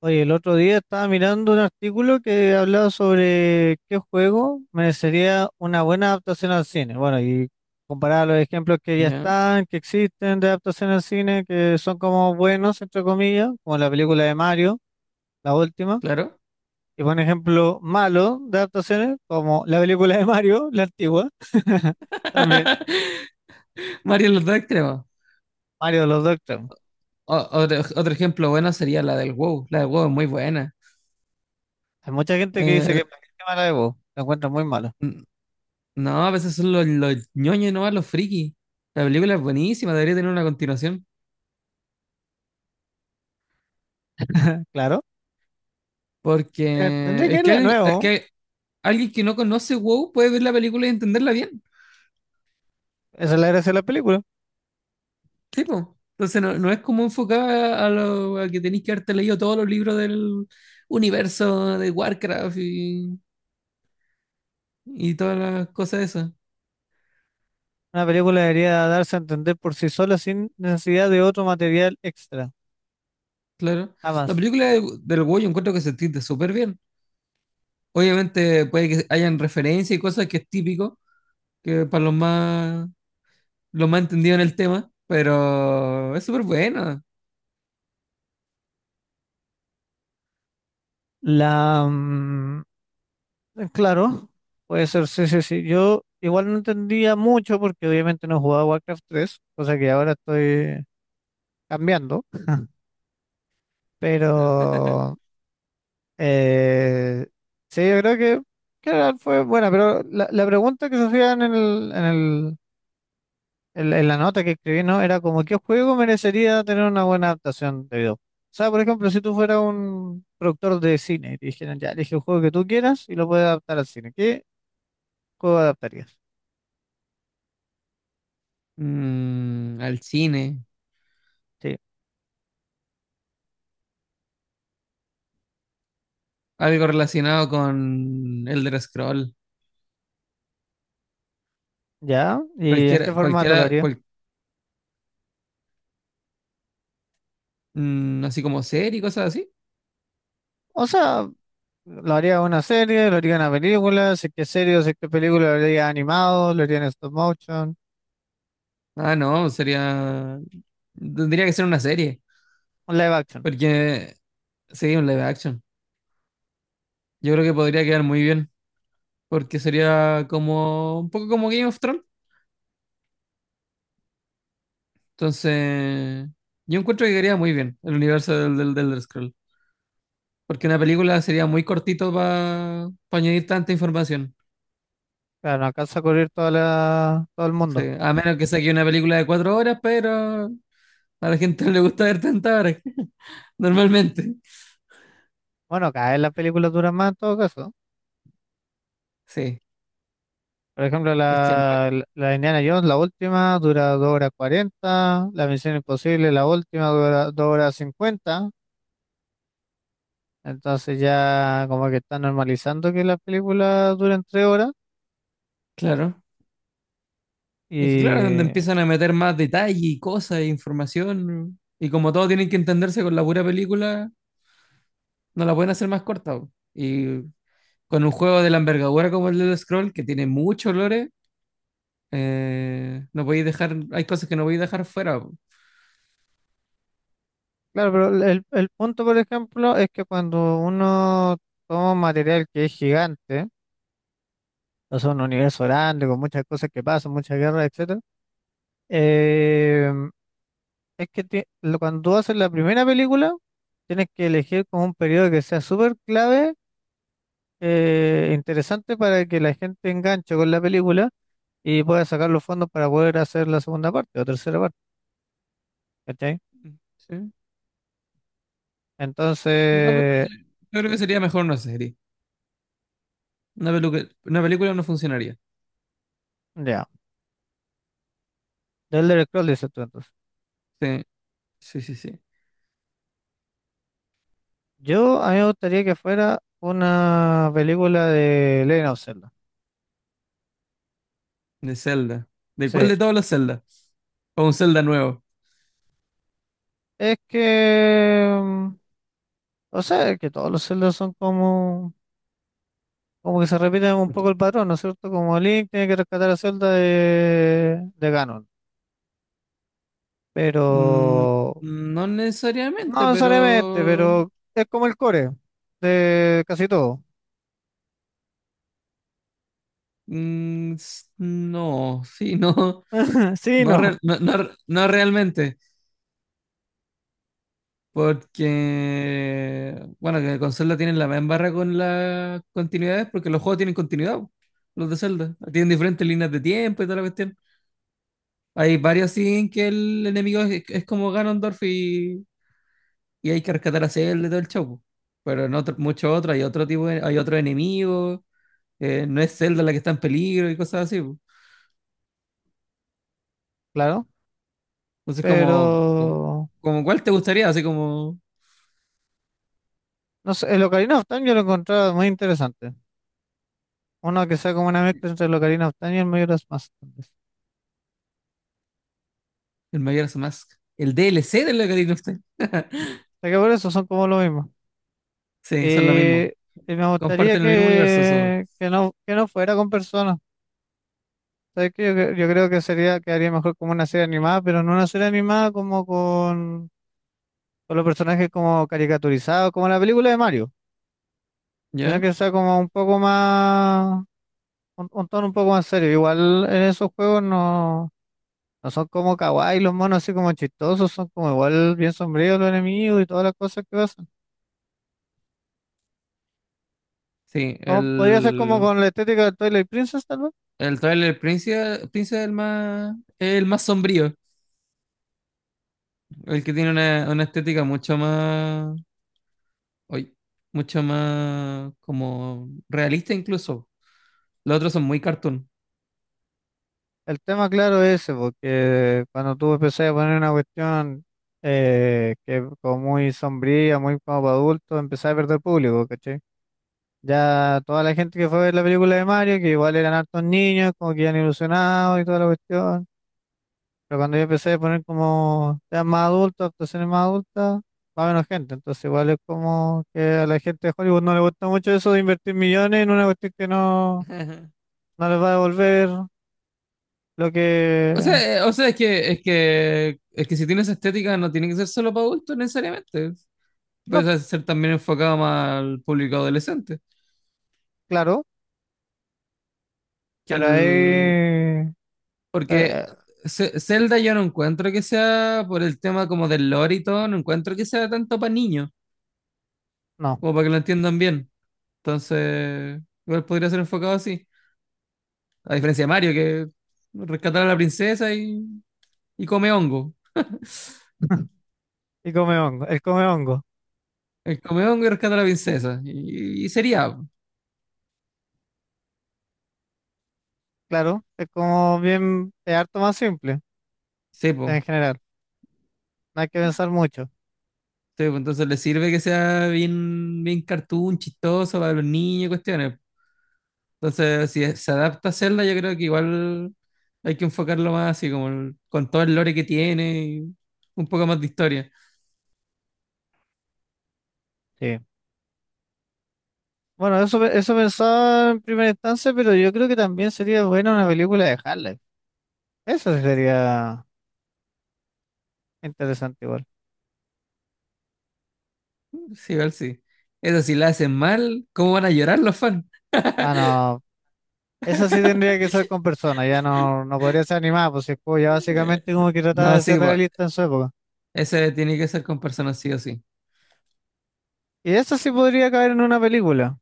Oye, el otro día estaba mirando un artículo que hablaba sobre qué juego merecería una buena adaptación al cine. Bueno, y comparaba los ejemplos que ya Ya, están, que existen de adaptación al cine, que son como buenos, entre comillas, como la película de Mario, la última, claro. y por ejemplo malo de adaptaciones, como la película de Mario, la antigua, también, Mario en los dos extremos. Mario de los Doctor. Otro, otro ejemplo bueno sería la del WoW. La del WoW es muy buena. Hay mucha gente que dice que es Eh, mala de voz, la encuentran muy malo. n- no, a veces son los ñoños nomás, los frikis. La película es buenísima, debería tener una continuación. Claro, tendría Porque que es que, irle de alguien, es nuevo, que Alguien que no conoce WoW puede ver la película y entenderla bien. esa es la gracia de la película. Sí, po. Entonces no, no es como enfocada a, lo, a que tenéis que haberte leído todos los libros del universo de Warcraft y todas las cosas de eso. Una película debería darse a entender por sí sola sin necesidad de otro material extra. Claro. La Jamás. película del Hugo yo encuentro que se entiende súper bien. Obviamente puede que hayan referencias y cosas que es típico, que para los más entendidos en el tema, pero es súper bueno. La, mm, claro, puede ser, sí, sí, sí. Yo igual no entendía mucho porque obviamente no jugaba Warcraft 3 cosa que ahora estoy cambiando, pero eh, sí, yo creo que fue buena, pero la pregunta que se hacían en la nota que escribí, ¿no? Era como, ¿qué juego merecería tener una buena adaptación de video? O sea, por ejemplo, si tú fueras un productor de cine y te dijeran, ya, elige el juego que tú quieras y lo puedes adaptar al cine, ¿qué juego adaptarías? Mm, al cine. Sí, Algo relacionado con Elder Scroll. ya, ¿y en qué Cualquiera, formato lo cualquiera, haría? Así como serie y cosas así. O sea, lo haría una serie, lo haría una película, si es que es serie, si es que es película, lo haría animado, lo haría en stop motion, Ah, no, sería. Tendría que ser una serie. un live action. Porque sería un live action. Yo creo que podría quedar muy bien, porque sería como un poco como Game of Thrones. Entonces, yo encuentro que quedaría muy bien el universo del Elder Scroll, porque una película sería muy cortito para añadir tanta información. Claro, no alcanza a cubrir toda todo el Sí, mundo. a menos que saque una película de 4 horas, pero a la gente no le gusta ver tantas horas, normalmente. Bueno, cada vez las películas duran más en todo caso. Sí, Por ejemplo, es que anda- la Indiana Jones, la última, dura 2 horas 40. La Misión Imposible, la última, dura 2 horas 50. Entonces ya como que está normalizando que las películas duren 3 horas. claro. Es que claro, donde Y empiezan a meter más detalle y cosas e información, y como todos tienen que entenderse con la pura película, no la pueden hacer más corta, po. Y con un juego de la envergadura como el Elder Scroll, que tiene mucho lore, no podéis dejar, hay cosas que no podéis dejar fuera, po. claro, pero el punto, por ejemplo, es que cuando uno toma un material que es gigante, o sea, un universo grande, con muchas cosas que pasan, muchas guerras, etcétera, eh, es que cuando tú haces la primera película, tienes que elegir como un periodo que sea súper clave, interesante para que la gente enganche con la película y pueda sacar los fondos para poder hacer la segunda parte o tercera parte, ¿cachai? ¿Sí? No, pero Entonces, sí, yo creo que sería mejor una serie. Una película no funcionaría. ya, del Elder Scrolls dices tú entonces. Sí, sí, sí, sí. A mí me gustaría que fuera una película de Legend of Zelda. De Zelda. ¿De cuál Sí, de todos los Zelda? O un Zelda nuevo. es que, mm, o sea, es que todos los Zelda son como que se repite un poco Ento- el patrón, ¿no es cierto? Como Link tiene que rescatar a Zelda de Ganon. Pero Mm, no necesariamente, no necesariamente, pero pero es como el core de casi todo. No, sí, no. Sí, no, No, no, no realmente. Porque, bueno, que con Zelda tienen la misma barra con las continuidades, porque los juegos tienen continuidad, po, los de Zelda. Tienen diferentes líneas de tiempo y toda la cuestión. Hay varios así en que el enemigo es como Ganondorf y hay que rescatar a Zelda y todo el show, po. Pero muchos otros, hay otro tipo, hay otros enemigos, no es Zelda la que está en peligro y cosas así, po. claro. Entonces, Pero como ¿cuál te gustaría? Así como no sé, el Ocarina of Time yo lo encontraba muy interesante. Uno que sea como una mezcla entre el Ocarina of Time y el Majora's Mask, tal vez. O el Majora's Mask. El DLC de la Ocarina of Time. sea que por eso son como lo mismo. Sí, son lo mismo. Eh, y me gustaría Comparten el mismo universo esos dos, que no fuera con personas. ¿Sabes qué? Yo creo que quedaría mejor como una serie animada, pero no una serie animada como con los personajes como caricaturizados, como la película de Mario, sino ¿ya? que sea como un poco más, un tono un poco más serio. Igual en esos juegos no son como kawaii los monos así como chistosos, son como igual bien sombríos los enemigos y todas las cosas que pasan. Sí, Como, podría ser como con la estética de Twilight Princess, tal vez. el Twilight Princess, Príncipe es el más sombrío, el que tiene una estética mucho más, uy, mucho más como realista incluso. Los otros son muy cartoon. El tema claro es ese, porque cuando tú empezás a poner una cuestión que es como muy sombría, muy como para adultos, empezás a perder público, ¿cachai? Ya toda la gente que fue a ver la película de Mario, que igual eran hartos niños, como que iban ilusionados y toda la cuestión, pero cuando yo empecé a poner como temas más adultos, actuaciones más adultas, va menos gente, entonces igual es como que a la gente de Hollywood no le gusta mucho eso de invertir millones en una cuestión que no, Ajá. no les va a devolver lo que... O sea, es que si tienes estética no tiene que ser solo para adultos necesariamente. no, Puede ser también enfocado más al público adolescente, claro, que pero al. ahí... Porque eh, Zelda yo no encuentro que sea por el tema como del lore y todo, no encuentro que sea tanto para niños, no. como para que lo entiendan bien. Entonces, igual podría ser enfocado así. A diferencia de Mario, que rescatar a la princesa y come hongo. Y come hongo. El come hongo. El come hongo y rescata a la princesa. Y sería, po. Claro. Es harto más simple Sí, en po. general. No hay que pensar mucho. Sí, po. Entonces le sirve que sea bien, bien cartoon, chistoso para los niños y cuestiones. Entonces, si se adapta a Zelda, yo creo que igual hay que enfocarlo más así, con todo el lore que tiene y un poco más de historia. Sí. Bueno, eso pensaba en primera instancia, pero yo creo que también sería buena una película de Harley. Eso sí sería interesante igual. Sí, igual sí. Eso, si la hacen mal, ¿cómo van a llorar los fans? Ah, no. Esa sí tendría que ser con personas. Ya no podría ser animada, pues si el juego ya Eh, básicamente como que trataba no, de ser sí, pues, realista en su época. ese tiene que ser con personas sí o sí. Y esa sí podría caer en una película.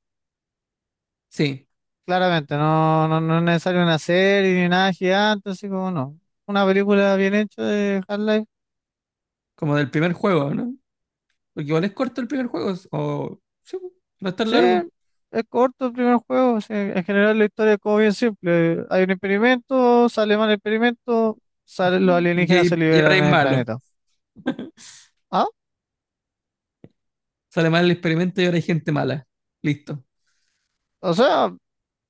Sí, Claramente, no, no, no es necesario una serie ni nada gigante, así como no. Una película bien hecha de Half-Life. como del primer juego, ¿no? Porque igual es corto el primer juego, o sí, pues, no es tan Sí, largo. es corto el primer juego. O sea, en general la historia es como bien simple. Hay un experimento, sale mal el experimento, los Y, alienígenas se y ahora liberan hay en el malos. planeta. Ah, Sale mal el experimento y ahora hay gente mala. Listo. o sea,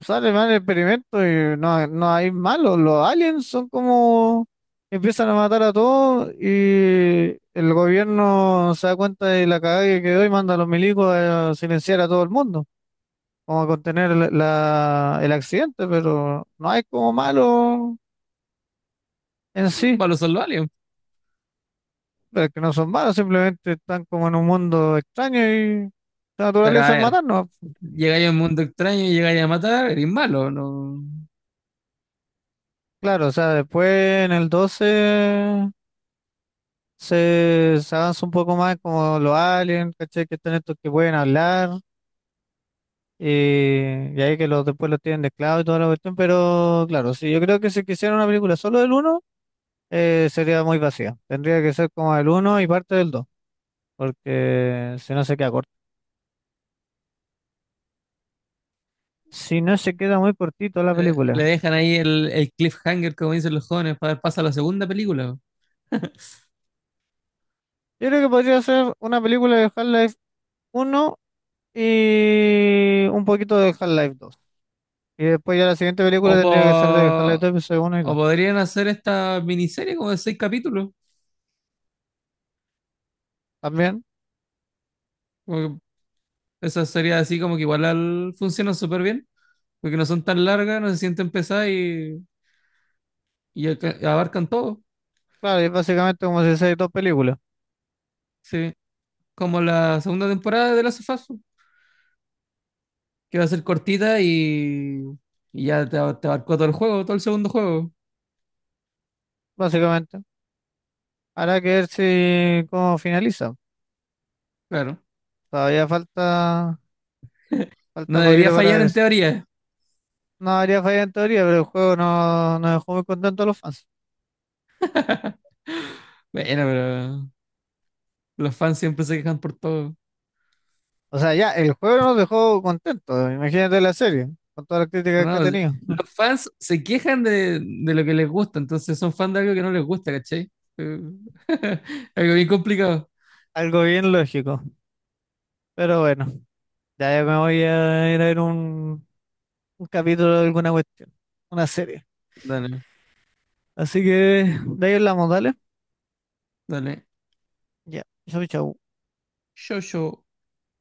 sale mal el experimento y no hay malos. Los aliens son como empiezan a matar a todos y el gobierno se da cuenta de la cagada que quedó y manda a los milicos a silenciar a todo el mundo, como a contener el accidente, pero no hay como malos en Los sí, malos son los aliens. pero que no son malos, simplemente están como en un mundo extraño y la Pero a naturaleza es ver. matarnos. Llegáis a un mundo extraño y llegáis a matar, eres malo, no. Claro, o sea, después en el 12 se avanza un poco más como los aliens, ¿cachai? Que están estos que pueden hablar, y ahí que después los tienen de esclavos y toda la cuestión, pero claro, sí, yo creo que si quisiera una película solo del uno sería muy vacía. Tendría que ser como el uno y parte del 2 porque si no se queda corto. Si no se queda muy cortito la Le película. dejan ahí el cliffhanger, como dicen los jóvenes, para dar paso a la segunda película. Yo creo que podría ser una película de Half-Life uno y un poquito de Half-Life dos. Y después ya la siguiente O, película o tendría que ser de Half-Life po- 2 episodio uno y o dos. podrían hacer esta miniserie como de seis capítulos. También. Como que Esa sería así como que funcionan súper bien, porque no son tan largas, no se sienten pesadas y, abarcan todo. Claro, y es básicamente como si hicieran dos películas, Sí. Como la segunda temporada de la of Us, que va a ser cortita y ya te abarcó todo el juego, todo el segundo juego. básicamente. Habrá que ver si cómo finaliza. Claro. Todavía No falta poquito debería para fallar ver en eso. teoría. No habría falla en teoría, pero el juego no nos dejó muy contentos a los fans. Bueno, pero los fans siempre se quejan por todo. O sea, ya, el juego no nos dejó contentos. Imagínate la serie, con todas las críticas que ha No, los tenido. fans se quejan de lo que les gusta, entonces son fans de algo que no les gusta, ¿cachai? Eh, algo bien complicado. Algo bien lógico. Pero bueno, ya yo me voy a ir a ver un capítulo de alguna cuestión, una serie. Dale, Así que de ahí hablamos, dale. dale. Ya, chau, chau. Yo, yo.